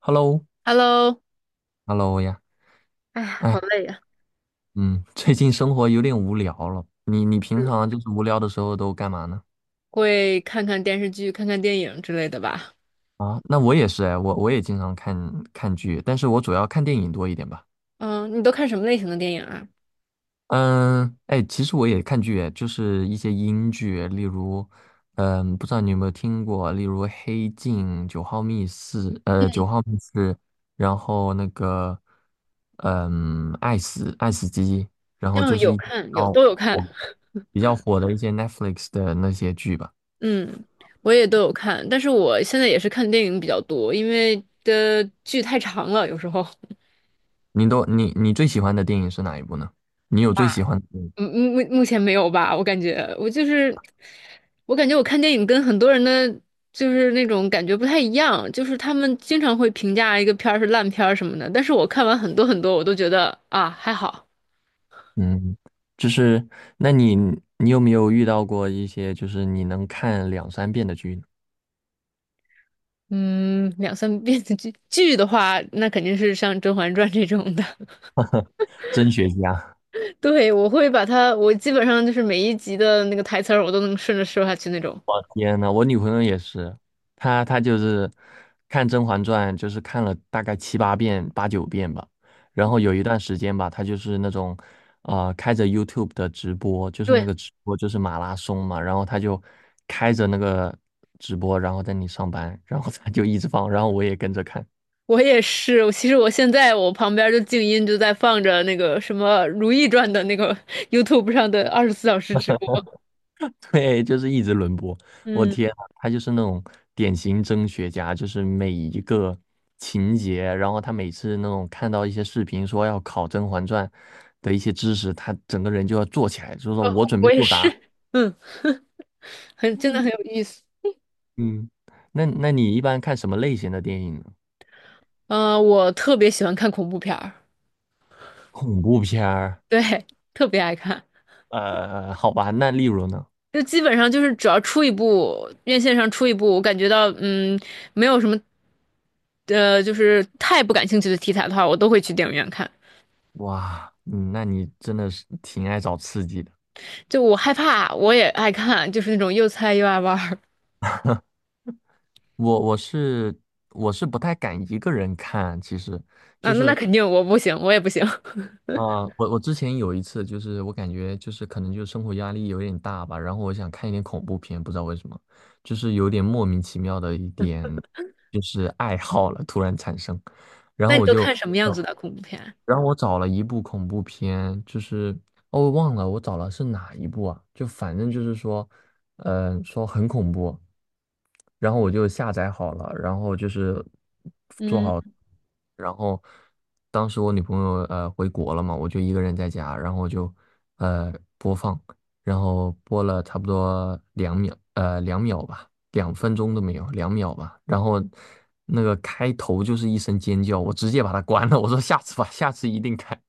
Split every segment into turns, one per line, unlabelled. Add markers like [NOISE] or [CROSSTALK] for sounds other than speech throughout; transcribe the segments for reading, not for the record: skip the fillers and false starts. Hello，
Hello，
Hello 呀，
哎呀，
哎，
好累呀！
嗯，[LAUGHS] 最近生活有点无聊了。你平
是
常就是无聊的时候都干嘛呢？
会看看电视剧、看看电影之类的吧？
啊，那我也是哎，我也经常看剧，但是我主要看电影多一点吧。
嗯，你都看什么类型的电影啊？
嗯，哎，其实我也看剧哎，就是一些英剧，例如，嗯，不知道你有没有听过，例如《黑镜》《九号密室》，然后那个，嗯，《爱死爱死机》，然后就
嗯，
是
有看，
哦。
都有看。
比较火的一些 Netflix 的那些剧吧。
嗯，我也都有看，但是我现在也是看电影比较多，因为的剧太长了，有时候。
你都你你最喜欢的电影是哪一部呢？你有最喜
哇
欢的电影。
[LAUGHS] 嗯，目前没有吧？我感觉我就是，我感觉我看电影跟很多人的就是那种感觉不太一样，就是他们经常会评价一个片儿是烂片儿什么的，但是我看完很多很多，我都觉得啊还好。
嗯，就是那你有没有遇到过一些就是你能看两三遍的剧呢？
嗯，两三遍的剧的话，那肯定是像《甄嬛传》这种的。
真学家。
[LAUGHS] 对，我会把它，我基本上就是每一集的那个台词儿，我都能顺着说下去那种。
天呐，我女朋友也是，她就是看《甄嬛传》，就是看了大概七八遍、八九遍吧。然后有一段时间吧，她就是那种，开着 YouTube 的直播，就是那
对，
个直播就是马拉松嘛，然后她就开着那个直播，然后在那里上班，然后她就一直放，然后我也跟着看，
我也是，我其实我现在我旁边儿就静音就在放着那个什么《如懿传》的那个 [LAUGHS] YouTube 上的24小时直播。
[LAUGHS] 对，就是一直轮播。我
嗯，
天啊，他就是那种典型真学家，就是每一个情节，然后他每次那种看到一些视频说要考《甄嬛传》的一些知识，他整个人就要坐起来，就说
哦，
我准备
我也
作
是。
答。
嗯，[LAUGHS] 真的很有意思。
嗯，那你一般看什么类型的电影呢？
嗯、我特别喜欢看恐怖片儿，
恐怖片儿。
对，特别爱看。
好吧，那例如呢？
就基本上就是只要出一部，院线上出一部，我感觉到没有什么，就是太不感兴趣的题材的话，我都会去电影院看。
哇，那你真的是挺爱找刺激的。
就我害怕，我也爱看，就是那种又菜又爱玩儿
我我是我是不太敢一个人看，其实。
啊。那
是。
肯定我不行，我也不行。[LAUGHS]
啊，我之前有一次，就是我感觉就是可能就是生活压力有点大吧，然后我想看一点恐怖片，不知道为什么，就是有点莫名其妙的一点就是爱好了，突然产生，然
那
后
你
我
都
就，
看什么
呃
样子的恐怖片？
然后我找了一部恐怖片，就是哦我忘了我找了是哪一部啊，就反正就是说，呃，说很恐怖，然后我就下载好了，然后就是。
嗯，
然后当时我女朋友回国了嘛，我就一个人在家，然后我就呃播放，然后播了差不多两秒，两秒吧，2分钟都没有，两秒吧。然后那个开头就是一声尖叫，我直接把它关了，我说下次吧，下次一定看。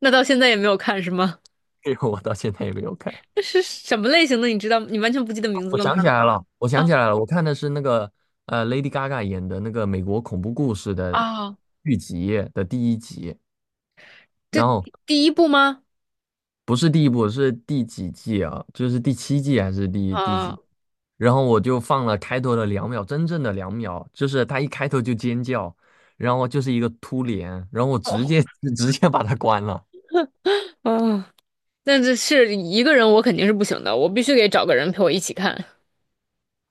那到现在也没有看是吗？
结果我到现在也没有看。
[LAUGHS] 那是什么类型的？你知道？你完全不记得名字
我
了吗？
想起来了，我想
啊
起来了，我看的是那个Lady Gaga 演的那个美国恐怖故事的
啊，
剧集的第一集，然
这
后。
第一部吗？
不是第一部，是第几季啊？就是第七季还是第几？
啊
然后我就放了开头的两秒，真正的两秒，就是他一开头就尖叫，然后就是一个突脸，然后我直接
哦
[LAUGHS] 直接把它关了。
哦。但这是一个人，我肯定是不行的，我必须得找个人陪我一起看。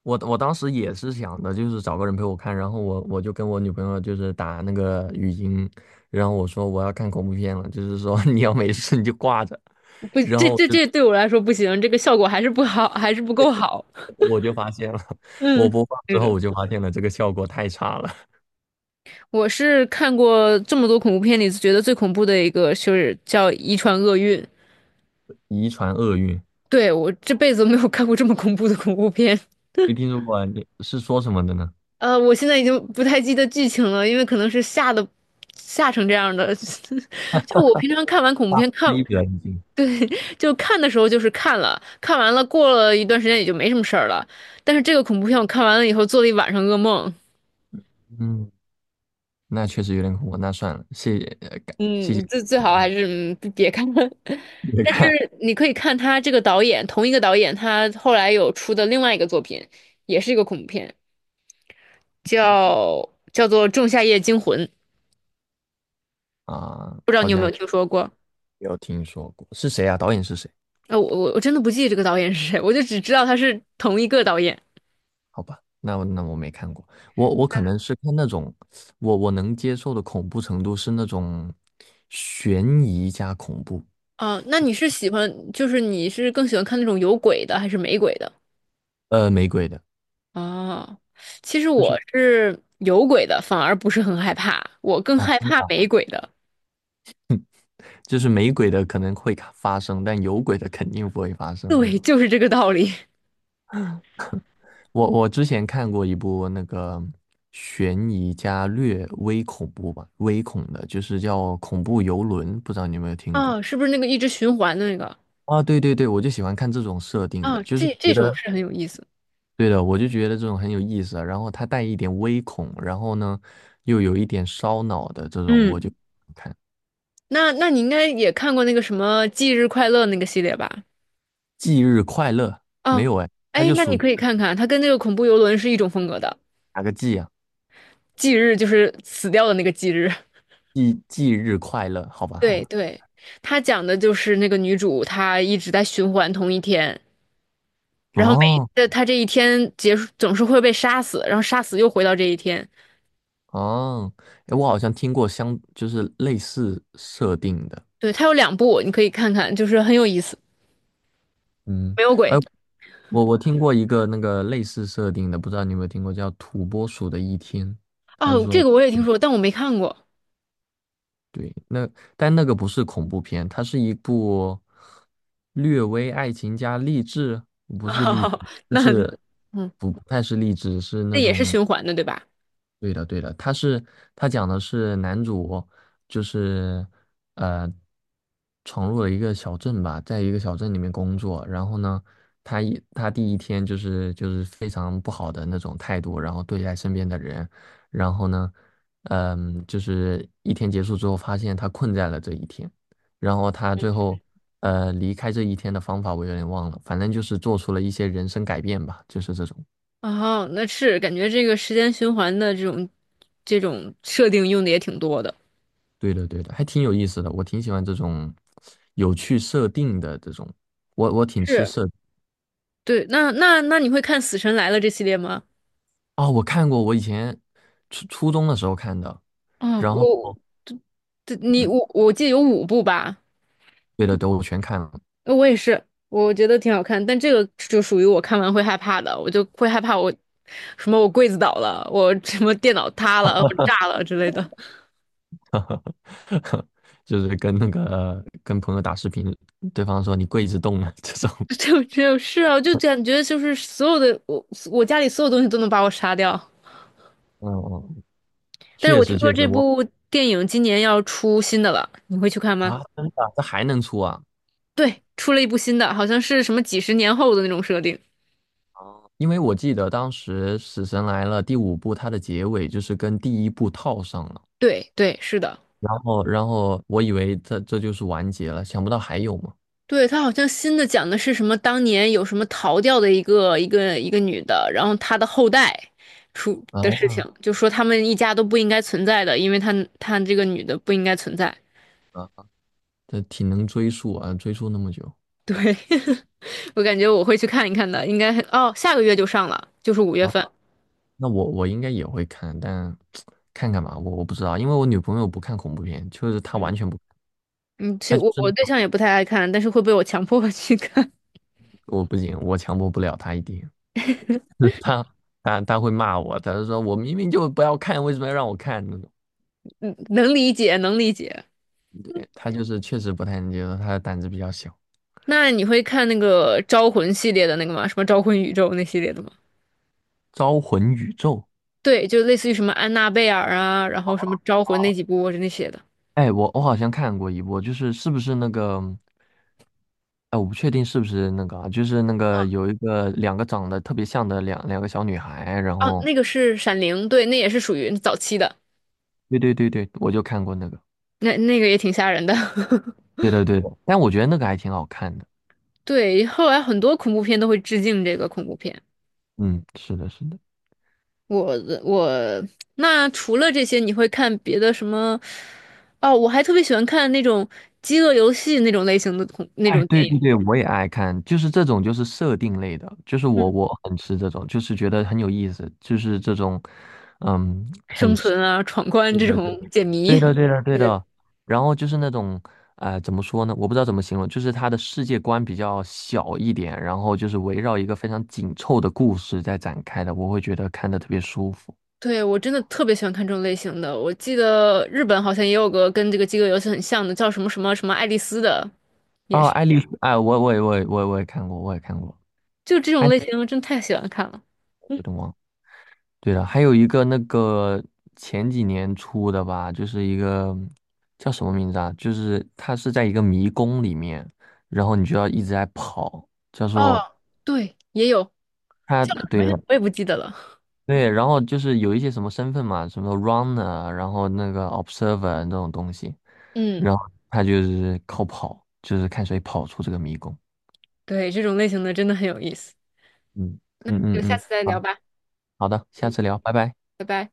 我当时也是想的，就是找个人陪我看，然后我就跟我女朋友就是打那个语音，然后我说我要看恐怖片了，就是说 [LAUGHS] 你要没事你就挂着，
不，
然
这
后我
这
就
这对我来说不行，这个效果还是不好，还是不够好。
我就发现了，我
嗯，
播放之
对
后
的，
我就发现了这个效果太差了，
我是看过这么多恐怖片里觉得最恐怖的一个，就是叫《遗传厄运》。
[LAUGHS] 遗传厄运。
对我这辈子没有看过这么恐怖的恐怖片。
没听说过啊，你是说什么的呢？
我现在已经不太记得剧情了，因为可能是吓成这样的。[LAUGHS] 就我平常看完恐怖片，
是
看
一表人精。
[LAUGHS] 对，就看的时候就是看了，看完了过了一段时间也就没什么事儿了。但是这个恐怖片我看完了以后做了一晚上噩梦，
嗯，那确实有点恐怖，那算了，谢谢，感谢
嗯，最好还是别看了。[LAUGHS]
你
但
看
是你可以看他这个导演，同一个导演，他后来有出的另外一个作品，也是一个恐怖片，叫做《仲夏夜惊魂》，
[LAUGHS] 啊，
不知道
好
你有
像
没
也
有听说过？
没有听说过，是谁啊？导演是谁？
那我真的不记得这个导演是谁，我就只知道他是同一个导演。
好吧，那我那我没看过，我可能是看那种，我能接受的恐怖程度是那种悬疑加恐怖，
啊，那你是喜欢，就是你是更喜欢看那种有鬼的还是没鬼的？
没鬼的，
哦，其实
就
我
是
是有鬼的，反而不是很害怕，我更
啊，
害
真的
怕
啊
没鬼的。
就是没鬼的可能会发生，但有鬼的肯定不会发生，对
对，
吧？
就是这个道理。[LAUGHS]
我之前看过一部那个悬疑加略微恐怖吧，微恐的，就是叫《恐怖游轮》，不知道你有没有听过？
啊，是不是那个一直循环的那个？
啊，对对对，我就喜欢看这种设定的，
啊，
就是我
这
觉
这种
得
是很有意思。
对的，我就觉得这种很有意思啊。然后它带一点微恐，然后呢又有一点烧脑的这种，我就
嗯，
看
那你应该也看过那个什么《忌日快乐》那个系列吧？
《忌日快乐》没
啊，
有哎，它
哎，
就
那
属
你
于
可以看看，它跟那个恐怖游轮是一种风格的。
哪个忌啊？
忌日就是死掉的那个忌日。
忌日快乐，好吧
[LAUGHS]
好
对
吧。
对，它讲的就是那个女主她一直在循环同一天，然后
哦，
他这一天结束总是会被杀死，然后杀死又回到这一天。
哦，哎，我好像听过相，就是类似设定的，
对，他有两部，你可以看看，就是很有意思。
嗯，
没有
哎，
鬼
我听过一个那个类似设定的，不知道你有没有听过，叫《土拨鼠的一天》，还是
哦，
说
这个我也听说，但我没看过。
对，那但那个不是恐怖片，它是一部略微爱情加励志，不是励志，
哦 [LAUGHS]
就
那
是
嗯，
不太是励志，是那
那也是
种
循环的，对吧？
对的，对的，他讲的是男主，就是呃，闯入了一个小镇吧，在一个小镇里面工作，然后呢，他第一天就是非常不好的那种态度，然后对待身边的人，然后呢，嗯，就是一天结束之后，发现他困在了这一天，然后他最后离开这一天的方法我有点忘了，反正就是做出了一些人生改变吧，就是这种。
哦，那是感觉这个时间循环的这种设定用的也挺多的。
对的，对的，还挺有意思的，我挺喜欢这种有趣设定的这种，我挺吃
是，
设
对，那你会看《死神来了》这系列吗？
啊，我看过，我以前初中的时候看的，
嗯，
然后
我，这这，你
嗯，
我我记得有五部吧。
对的，对，我全看了，
我也是，我觉得挺好看，但这个就属于我看完会害怕的，我就会害怕我什么我柜子倒了，我什么电脑塌了，我炸了之类的。[LAUGHS]
[LAUGHS] 就是跟那个跟朋友打视频，对方说你跪着动了这种。
就是啊，就感觉就是所有的我家里所有东西都能把我杀掉。
嗯嗯
但是
确
我
实
听说
确实，
这
我
部电影今年要出新的了，你会去看吗？
啊，真的啊，这还能出啊？
对，出了一部新的，好像是什么几十年后的那种设定。
因为我记得当时《死神来了》第五部，它的结尾就是跟第一部套上了，
对对，是的。
然后我以为这就是完结了，想不到还有嘛。
对，他好像新的讲的是什么？当年有什么逃掉的一个女的，然后她的后代出的事
啊，
情，就说他们一家都不应该存在的，因为她这个女的不应该存在。
啊这挺能追溯啊，追溯那么久
对，[LAUGHS] 我感觉我会去看一看的，应该哦，下个月就上了，就是五月
啊。
份。
那我应该也会看，但看看吧，我不知道，因为我女朋友不看恐怖片，就是她
嗯
完全不，
嗯，其
她
实
就
我
是那
我对
种
象也不太爱看，但是会被我强迫去看，
我不行，我强迫不了她一点，[LAUGHS] 她她会骂我，她就说我明明就不要看，为什么要让我看呢？
[LAUGHS] 嗯，能理解，能理解。
他就是确实不太能接受，他的胆子比较小。
那你会看那个《招魂》系列的那个吗？什么《招魂宇宙》那系列的吗？
招魂宇宙，
对，就类似于什么安娜贝尔啊，然后什么招魂那几部那些的。
哎，我好像看过一部，就是是不是那个，哎，我不确定是不是那个啊，就是那个有一个两个长得特别像的两个小女孩，然
哦，
后
那个是《闪灵》，对，那也是属于早期的，
对对对对，我就看过那个，
那那个也挺吓人的。[LAUGHS]
对对对，但我觉得那个还挺好看的，
对，后来很多恐怖片都会致敬这个恐怖片。
嗯，是的，是的。
我我那除了这些，你会看别的什么？哦，我还特别喜欢看那种饥饿游戏那种类型的那
哎，
种电
对
影，
对对，我也爱看，就是这种就是设定类的，就是我很吃这种，就是觉得很有意思，就是这种，嗯，
生存啊、闯关这种解
对
谜。
的对的
[LAUGHS]
对。
对。
然后就是那种，呃，怎么说呢？我不知道怎么形容，就是他的世界观比较小一点，然后就是围绕一个非常紧凑的故事在展开的，我会觉得看的特别舒服。
对，我真的特别喜欢看这种类型的。我记得日本好像也有个跟这个饥饿游戏很像的，叫什么什么什么爱丽丝的，也
哦，
是，
爱丽丝，哎，我也看过，我也看过，
就这
哎，
种类型，我真太喜欢看了。
有
嗯，
点忘了对了，还有一个那个前几年出的吧，就是一个叫什么名字啊？就是它是在一个迷宫里面，然后你就要一直在跑，叫
哦，
做
对，也有
它，
叫什么
对
呀？
了，
我也不记得了。
对，然后就是有一些什么身份嘛，什么 runner，啊然后那个 observer 这种东西，
嗯，
然后他就是靠跑，就是看谁跑出这个迷宫。
对，这种类型的真的很有意思。
嗯嗯嗯
就下
嗯，
次再
好
聊吧。
好的，下
嗯，
次聊，拜拜。
拜拜。